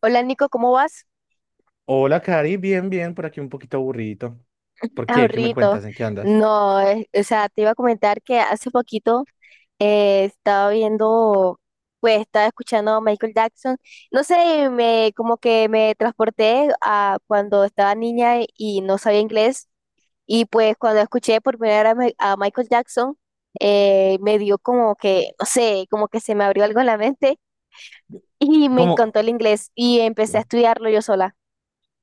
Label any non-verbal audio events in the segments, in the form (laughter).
Hola Nico, ¿cómo vas? Hola, Cari, bien, bien, por aquí un poquito aburrido. ¿Por qué? ¿Qué me Ahorrito. cuentas? ¿En qué andas? No, o sea, te iba a comentar que hace poquito estaba viendo, pues estaba escuchando a Michael Jackson. No sé, me como que me transporté a cuando estaba niña y no sabía inglés. Y pues cuando escuché por primera vez a Michael Jackson, me dio como que, no sé, como que se me abrió algo en la mente y me ¿Cómo? encantó el inglés y empecé a O estudiarlo yo sola.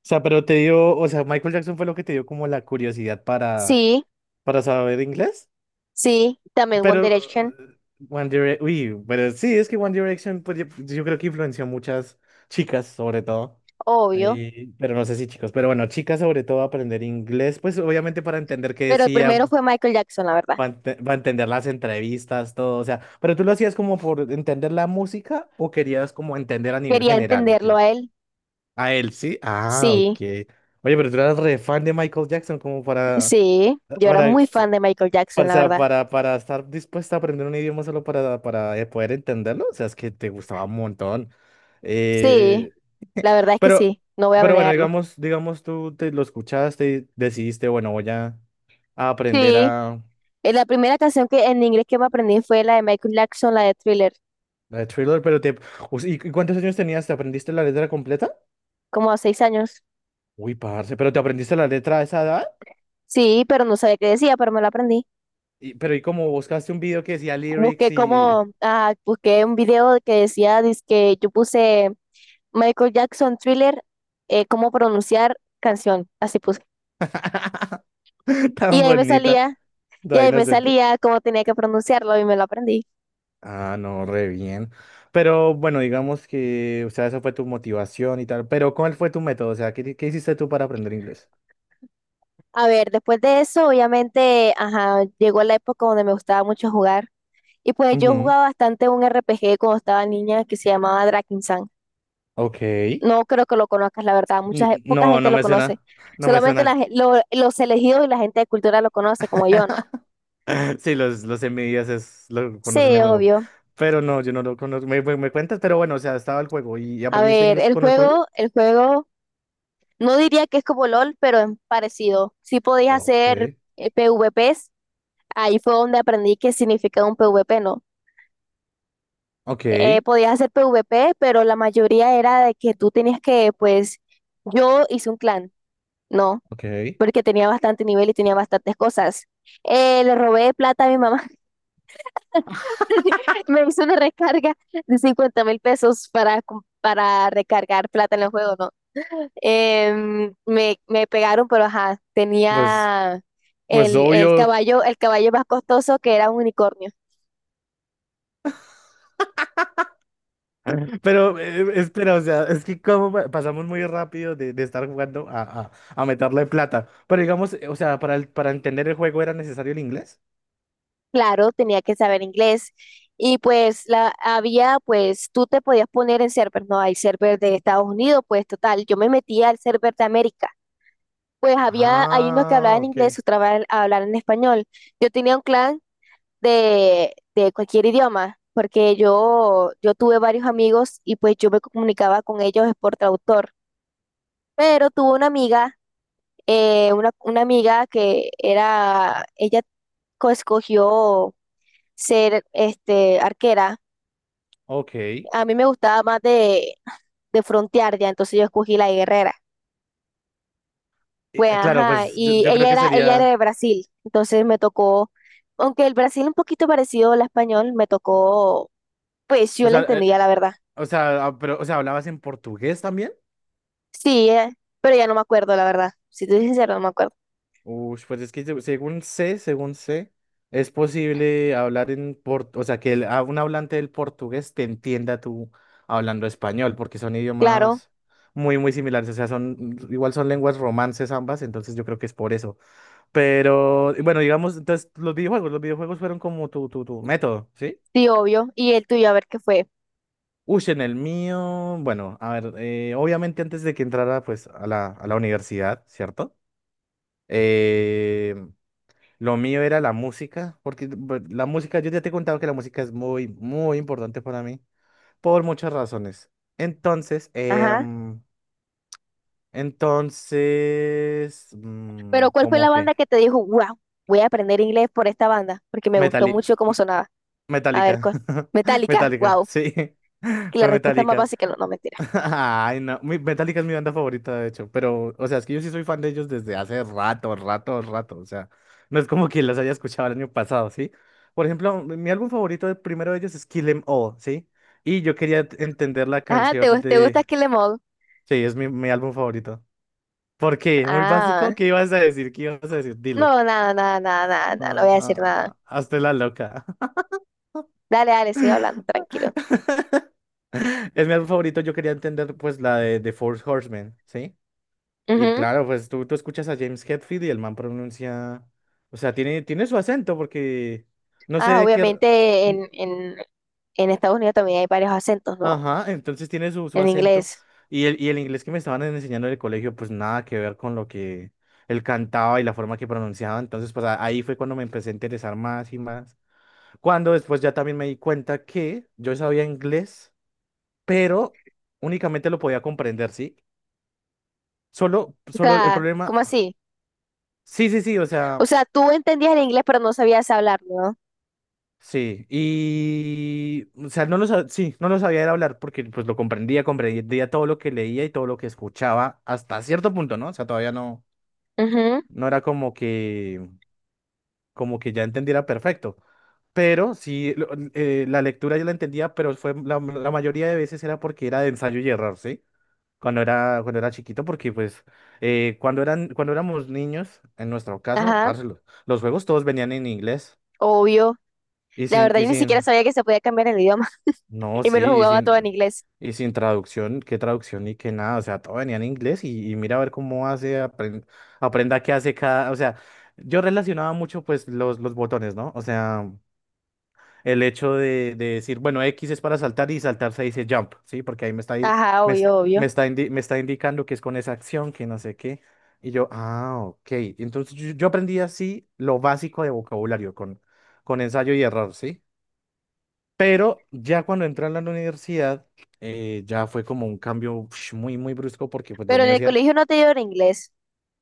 sea, pero te dio, o sea, Michael Jackson fue lo que te dio como la curiosidad para, Sí, para saber inglés. sí, también One Pero, Direction. eh, One Direction, uy, pero sí, es que One Direction, pues yo creo que influenció a muchas chicas, sobre todo. Obvio, Pero no sé si chicos, pero bueno, chicas sobre todo a aprender inglés, pues obviamente para entender qué pero el decía. primero fue Michael Jackson, la verdad. Para entender las entrevistas, todo, o sea, pero tú lo hacías como por entender la música o querías como entender a nivel Quería general, ok. entenderlo a él. A él, sí. Ah, ok. Sí, Oye, pero tú eras re fan de Michael Jackson como sí, yo era para, muy fan de Michael para, Jackson, o la sea, verdad. Para estar dispuesta a aprender un idioma solo para poder entenderlo, o sea, es que te gustaba un montón. Sí, Eh, la verdad es que pero, sí, no voy a pero bueno, negarlo. digamos tú te lo escuchaste y decidiste, bueno, voy a aprender Sí, a... la primera canción que en inglés que me aprendí fue la de Michael Jackson, la de Thriller, La de Thriller, pero te... ¿Y cuántos años tenías? ¿Te aprendiste la letra completa? como a 6 años. Uy, parce, ¿pero te aprendiste la letra a esa edad? Sí, pero no sabía qué decía, pero me la aprendí. Pero ¿y cómo buscaste un video que decía lyrics Busqué y...? como, ah, busqué un video que decía, que yo puse Michael Jackson Thriller, cómo pronunciar canción, así puse. (laughs) Y Tan ahí me bonita, salía Y tan ahí me inocente. salía cómo tenía que pronunciarlo y me lo aprendí. Ah, no, re bien. Pero bueno, digamos que, o sea, esa fue tu motivación y tal. Pero ¿cuál fue tu método? O sea, ¿qué hiciste tú para aprender inglés? A ver, después de eso, obviamente, ajá, llegó la época donde me gustaba mucho jugar. Y pues yo Ujú. jugaba bastante un RPG cuando estaba niña que se llamaba Drakensang. Ok. No creo que lo conozcas, la verdad. Poca No, gente no lo me conoce. suena. No me Solamente suena. Los elegidos y la gente de cultura lo conoce, como yo, ¿no? (laughs) (laughs) Sí, los envidias es, lo conocen Sí, el juego. obvio. Pero no, yo no lo conozco. Me cuentas, pero bueno, o sea, estaba el juego. ¿Y A aprendiste ver, inglés el con el juego? juego, el juego, no diría que es como LOL, pero es parecido. Sí podías Ok. hacer PvPs. Ahí fue donde aprendí qué significaba un PvP, ¿no? Ok, Podías hacer PvP, pero la mayoría era de que tú tenías que, pues, yo hice un clan, ¿no? ok. Porque tenía bastante nivel y tenía bastantes cosas. Le robé plata a mi mamá. (laughs) Me hizo una recarga de 50.000 pesos para, para recargar plata en el juego, ¿no? Me pegaron, pero ajá, pues, tenía pues el obvio. caballo, el caballo más costoso que era un unicornio. (laughs) Pero espera, o sea, es que como pasamos muy rápido de estar jugando a, a meterle plata. Pero digamos, o sea, para, para entender el juego era necesario el inglés. Claro, tenía que saber inglés. Y pues la había, pues tú te podías poner en servers, no hay server de Estados Unidos, pues total, yo me metía al server de América. Pues había, hay unos que Ah, hablaban ok. inglés, otros hablaban en español. Yo tenía un clan de cualquier idioma, porque yo tuve varios amigos y pues yo me comunicaba con ellos por traductor. Pero tuve una amiga, una amiga que era, ella escogió ser este, arquera. Ok. A mí me gustaba más de frontear ya, entonces yo escogí la de guerrera. Pues Claro, ajá, pues yo, y yo creo ella que era, ella era sería. de Brasil, entonces me tocó, aunque el Brasil un poquito parecido al español, me tocó, pues yo O la sea, eh, entendía, la verdad. O sea, ah, pero, o sea, ¿hablabas en portugués también? Sí, pero ya no me acuerdo, la verdad. Si te soy sincero, no me acuerdo. Uy, pues es que según sé, es posible hablar en portugués, o sea, que a un hablante del portugués te entienda tú hablando español, porque son Claro, idiomas muy, muy similares, o sea, son, igual son lenguas romances ambas, entonces yo creo que es por eso. Pero, y bueno, digamos, entonces, los videojuegos fueron como tu, tu método, ¿sí? sí, obvio. Y el tuyo, a ver qué fue. Uy, en el mío, bueno, a ver, obviamente antes de que entrara, pues, a la universidad, ¿cierto? Eh, lo mío era la música, porque la música, yo ya te he contado que la música es muy, muy importante para mí, por muchas razones. Entonces, Ajá. Entonces, Pero ¿cuál fue ¿cómo la que? banda que te dijo, wow, voy a aprender inglés por esta banda? Porque me gustó Metali- mucho cómo sonaba. A ver, Metallica. ¿cuál? (laughs) Metallica, Metallica, wow. sí. (laughs) Que la Fue respuesta es más Metallica. básica, no, no, mentira. (laughs) Ay, no. Metallica es mi banda favorita, de hecho. Pero, o sea, es que yo sí soy fan de ellos desde hace rato, rato, rato. O sea, no es como que las haya escuchado el año pasado, ¿sí? Por ejemplo, mi álbum favorito, el primero de ellos es Kill 'Em All, ¿sí? Y yo quería entender la Ah, ¿te, canción te gusta de... Kill 'Em All? Sí, es mi álbum favorito. ¿Por qué? Muy básico. Ah, ¿Qué ibas a decir? ¿Qué ibas a decir? Dilo. no, nada, nada, nada, nada, nada, no Ah, voy a ah, decir nada. ah, hazte la loca. Dale, dale, sigue hablando, tranquilo. (laughs) Es mi álbum favorito. Yo quería entender, pues, la de The Four Horsemen, ¿sí? Y Ujú. claro, pues tú escuchas a James Hetfield y el man pronuncia, o sea, tiene su acento porque no sé Ah, de qué... obviamente n- en Estados Unidos también hay varios acentos, ¿no? Ajá, entonces tiene su En acento inglés. y el inglés que me estaban enseñando en el colegio, pues nada que ver con lo que él cantaba y la forma que pronunciaba. Entonces, pues ahí fue cuando me empecé a interesar más y más. Cuando después ya también me di cuenta que yo sabía inglés, pero únicamente lo podía comprender, ¿sí? Solo, O solo el sea, problema... ¿cómo así? Sí, sí, sí, o O sea... sea, tú entendías el inglés, pero no sabías hablar, ¿no? Sí, y, o sea, no lo sabía, sí, no lo sabía era hablar porque pues lo comprendía todo lo que leía y todo lo que escuchaba hasta cierto punto, ¿no? O sea, todavía no, Ujú. no era como que ya entendiera perfecto, pero sí, la lectura yo la entendía, pero fue la, la mayoría de veces era porque era de ensayo y error, ¿sí? Cuando era chiquito, porque pues cuando éramos niños, en nuestro caso, Ajá, parce, los juegos todos venían en inglés obvio. y La sin, verdad, y yo ni siquiera sin, sabía que se podía cambiar el idioma (laughs) No, y me lo sí, y jugaba todo en sin, inglés. y sin traducción, qué traducción y qué nada, o sea, todo venía en inglés y mira a ver cómo hace, aprenda qué hace cada, o sea, yo relacionaba mucho pues los botones, ¿no? O sea, el hecho de decir, bueno, X es para saltar y saltar se dice jump, ¿sí? Porque ahí me está, di- Ajá, me, es- obvio, obvio. Me está indicando que es con esa acción, que no sé qué, y yo, ah, ok, entonces yo aprendí así lo básico de vocabulario con ensayo y error, ¿sí? Pero ya cuando entré a la universidad, ya fue como un cambio ush, muy, muy brusco porque pues lo Pero en mío el sí era... colegio no te dieron inglés.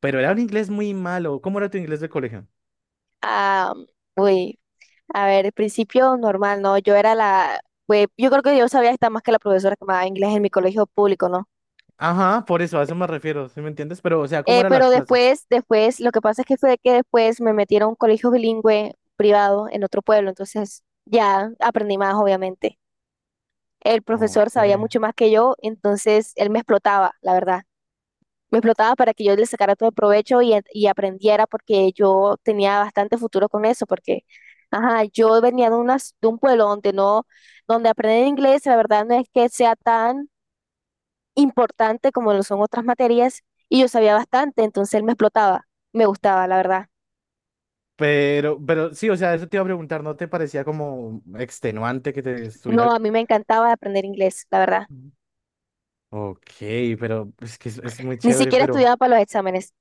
Pero era un inglés muy malo. ¿Cómo era tu inglés de colegio? Ah, uy. A ver, al principio normal, ¿no? Pues yo creo que yo sabía estar más que la profesora que me daba inglés en mi colegio público, ¿no? Ajá, por eso, a eso me refiero, ¿sí me entiendes? Pero, o sea, ¿cómo eran Pero las clases? Después, lo que pasa es que fue que después me metieron a un colegio bilingüe privado en otro pueblo, entonces ya aprendí más, obviamente. El profesor Ok. sabía mucho más que yo, entonces él me explotaba, la verdad. Me explotaba para que yo le sacara todo el provecho y, y aprendiera porque yo tenía bastante futuro con eso, porque, ajá, yo venía de un pueblo donde no, donde aprender inglés, la verdad no es que sea tan importante como lo son otras materias y yo sabía bastante, entonces él me explotaba, me gustaba, la verdad. Pero sí, o sea, eso te iba a preguntar, ¿no te parecía como extenuante que te No, estuviera...? a mí me encantaba aprender inglés, la verdad. Ok, pero pues, es que es muy Ni chévere, siquiera pero... estudiaba para los exámenes,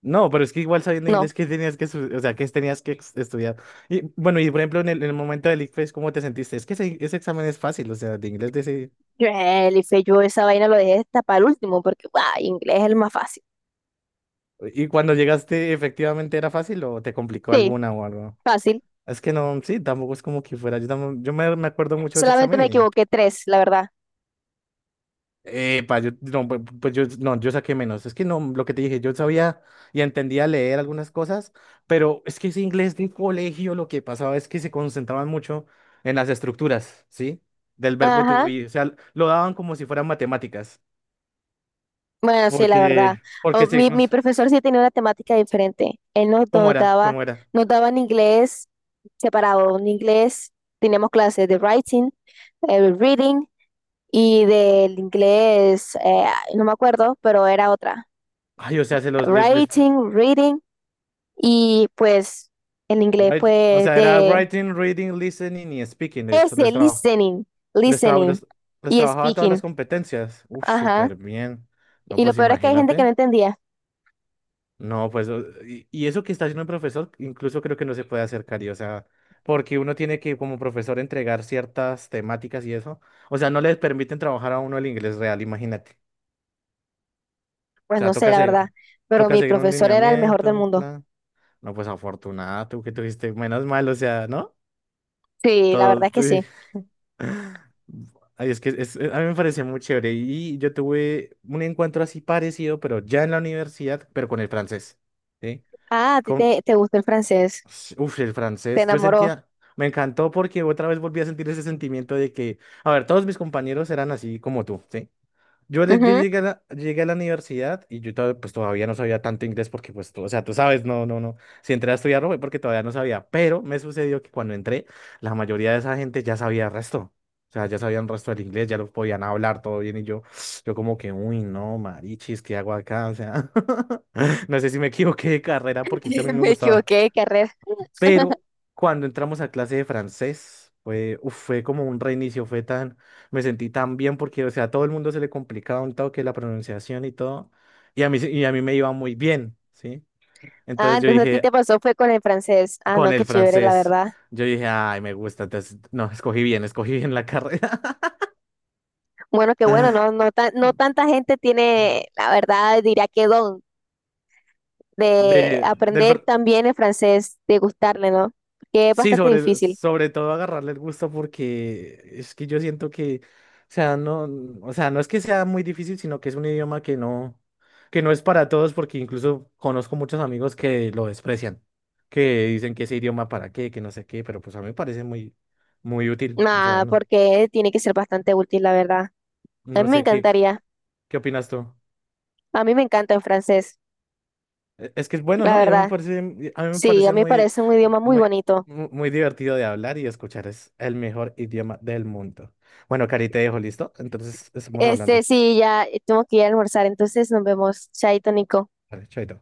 No, pero es que igual sabiendo no. inglés, ¿qué tenías que, o sea, qué tenías que estudiar? Y bueno, y por ejemplo, en el momento del ICFES, ¿cómo te sentiste? Es que ese examen es fácil, o sea, de inglés de ese... Yo, Elife, yo esa vaina lo dejé hasta para el último porque, guau, inglés es el más fácil. ¿Y cuando llegaste, efectivamente era fácil o te complicó Sí, alguna o algo? fácil. Es que no, sí, tampoco es como que fuera. Yo, tampoco- Yo me acuerdo mucho de ese Solamente examen. me equivoqué tres, la verdad. Epa, yo, no, pues yo, no, yo saqué menos. Es que no, lo que te dije, yo sabía y entendía leer algunas cosas, pero es que ese inglés de colegio lo que pasaba es que se concentraban mucho en las estructuras, ¿sí? Del verbo to Ajá, be. O sea, lo daban como si fueran matemáticas, bueno, sí, la verdad. porque, porque Mi, mi profesor sí tenía una temática diferente. Él ¿cómo era? ¿Cómo era? nos daba en inglés separado. En inglés teníamos clases de writing, reading y del inglés, no me acuerdo, pero era otra. Ay, o sea, se los, les- Writing, reading y pues el inglés write- o pues sea, era de writing, reading, listening y speaking. Les, les, traba- listening, les, traba- listening les les y trabajaba todas las speaking. competencias. Uf, Ajá. súper bien. No, Y lo pues peor es que hay gente que no imagínate. entendía. No, pues, y eso que está haciendo el profesor, incluso creo que no se puede hacer, Cari, o sea, porque uno tiene que, como profesor, entregar ciertas temáticas y eso. O sea, no les permiten trabajar a uno el inglés real, imagínate. O Pues sea, no sé, toca, la verdad, pero toca mi seguir un profesor era el mejor lineamiento, del un mundo. plan. No, pues afortunada, tú que tuviste menos mal, o sea, ¿no? Sí, la verdad Todo. es que sí. (laughs) Ay, es que a mí me pareció muy chévere. Y yo tuve un encuentro así parecido, pero ya en la universidad, pero con el francés. ¿Sí? Ah, a ti con te gustó el francés, Sí, uf, el te francés, yo enamoró. sentía, me encantó porque otra vez volví a sentir ese sentimiento de que, a ver, todos mis compañeros eran así como tú, ¿sí? Yo Ujú. llegué a la universidad y yo pues todavía no sabía tanto inglés porque pues tú, o sea, tú sabes, no, no, no, si entré a estudiarlo fue porque todavía no sabía, pero me sucedió que cuando entré, la mayoría de esa gente ya sabía el resto, o sea, ya sabían el resto del inglés, ya lo podían hablar todo bien y yo, (sniffs) yo como que, uy, no, marichis, ¿qué hago acá? O sea, (laughs) no sé si me equivoqué de carrera porque es que a mí (laughs) me Me gustaba. equivoqué de carrera. Pero cuando entramos a clase de francés, fue, fue como un reinicio, fue tan, me sentí tan bien porque, o sea, a todo el mundo se le complicaba un toque la pronunciación y todo, y a mí me iba muy bien, ¿sí? Ah, Entonces yo entonces a ti dije, te pasó fue con el francés. Ah, no, con qué el chévere, la francés, verdad. yo dije, ay, me gusta, entonces, no, escogí bien la carrera. Bueno, qué bueno, no, (laughs) no, no tanta gente tiene, la verdad, diría que don de De, del, aprender fr- también el francés, de gustarle, ¿no? Que es Sí, bastante sobre, difícil. sobre todo agarrarle el gusto porque es que yo siento que, sea, no, o sea, no es que sea muy difícil, sino que es un idioma que no es para todos, porque incluso conozco muchos amigos que lo desprecian, que dicen que ese idioma para qué, que no sé qué, pero pues a mí me parece muy, muy útil, o sea, Ah, no, porque tiene que ser bastante útil, la verdad. A no mí me sé qué, encantaría. qué opinas tú. A mí me encanta el francés, Es que es bueno, la ¿no? Y a mí me verdad. parece, a mí me Sí, a parece mí me muy, parece un idioma muy muy, bonito. Muy divertido de hablar y escuchar. Es el mejor idioma del mundo. Bueno, Cari, te dejo listo. Entonces, estamos Este, hablando. sí, ya tengo que ir a almorzar, entonces nos vemos. Chaito, Nico. Vale, chaito.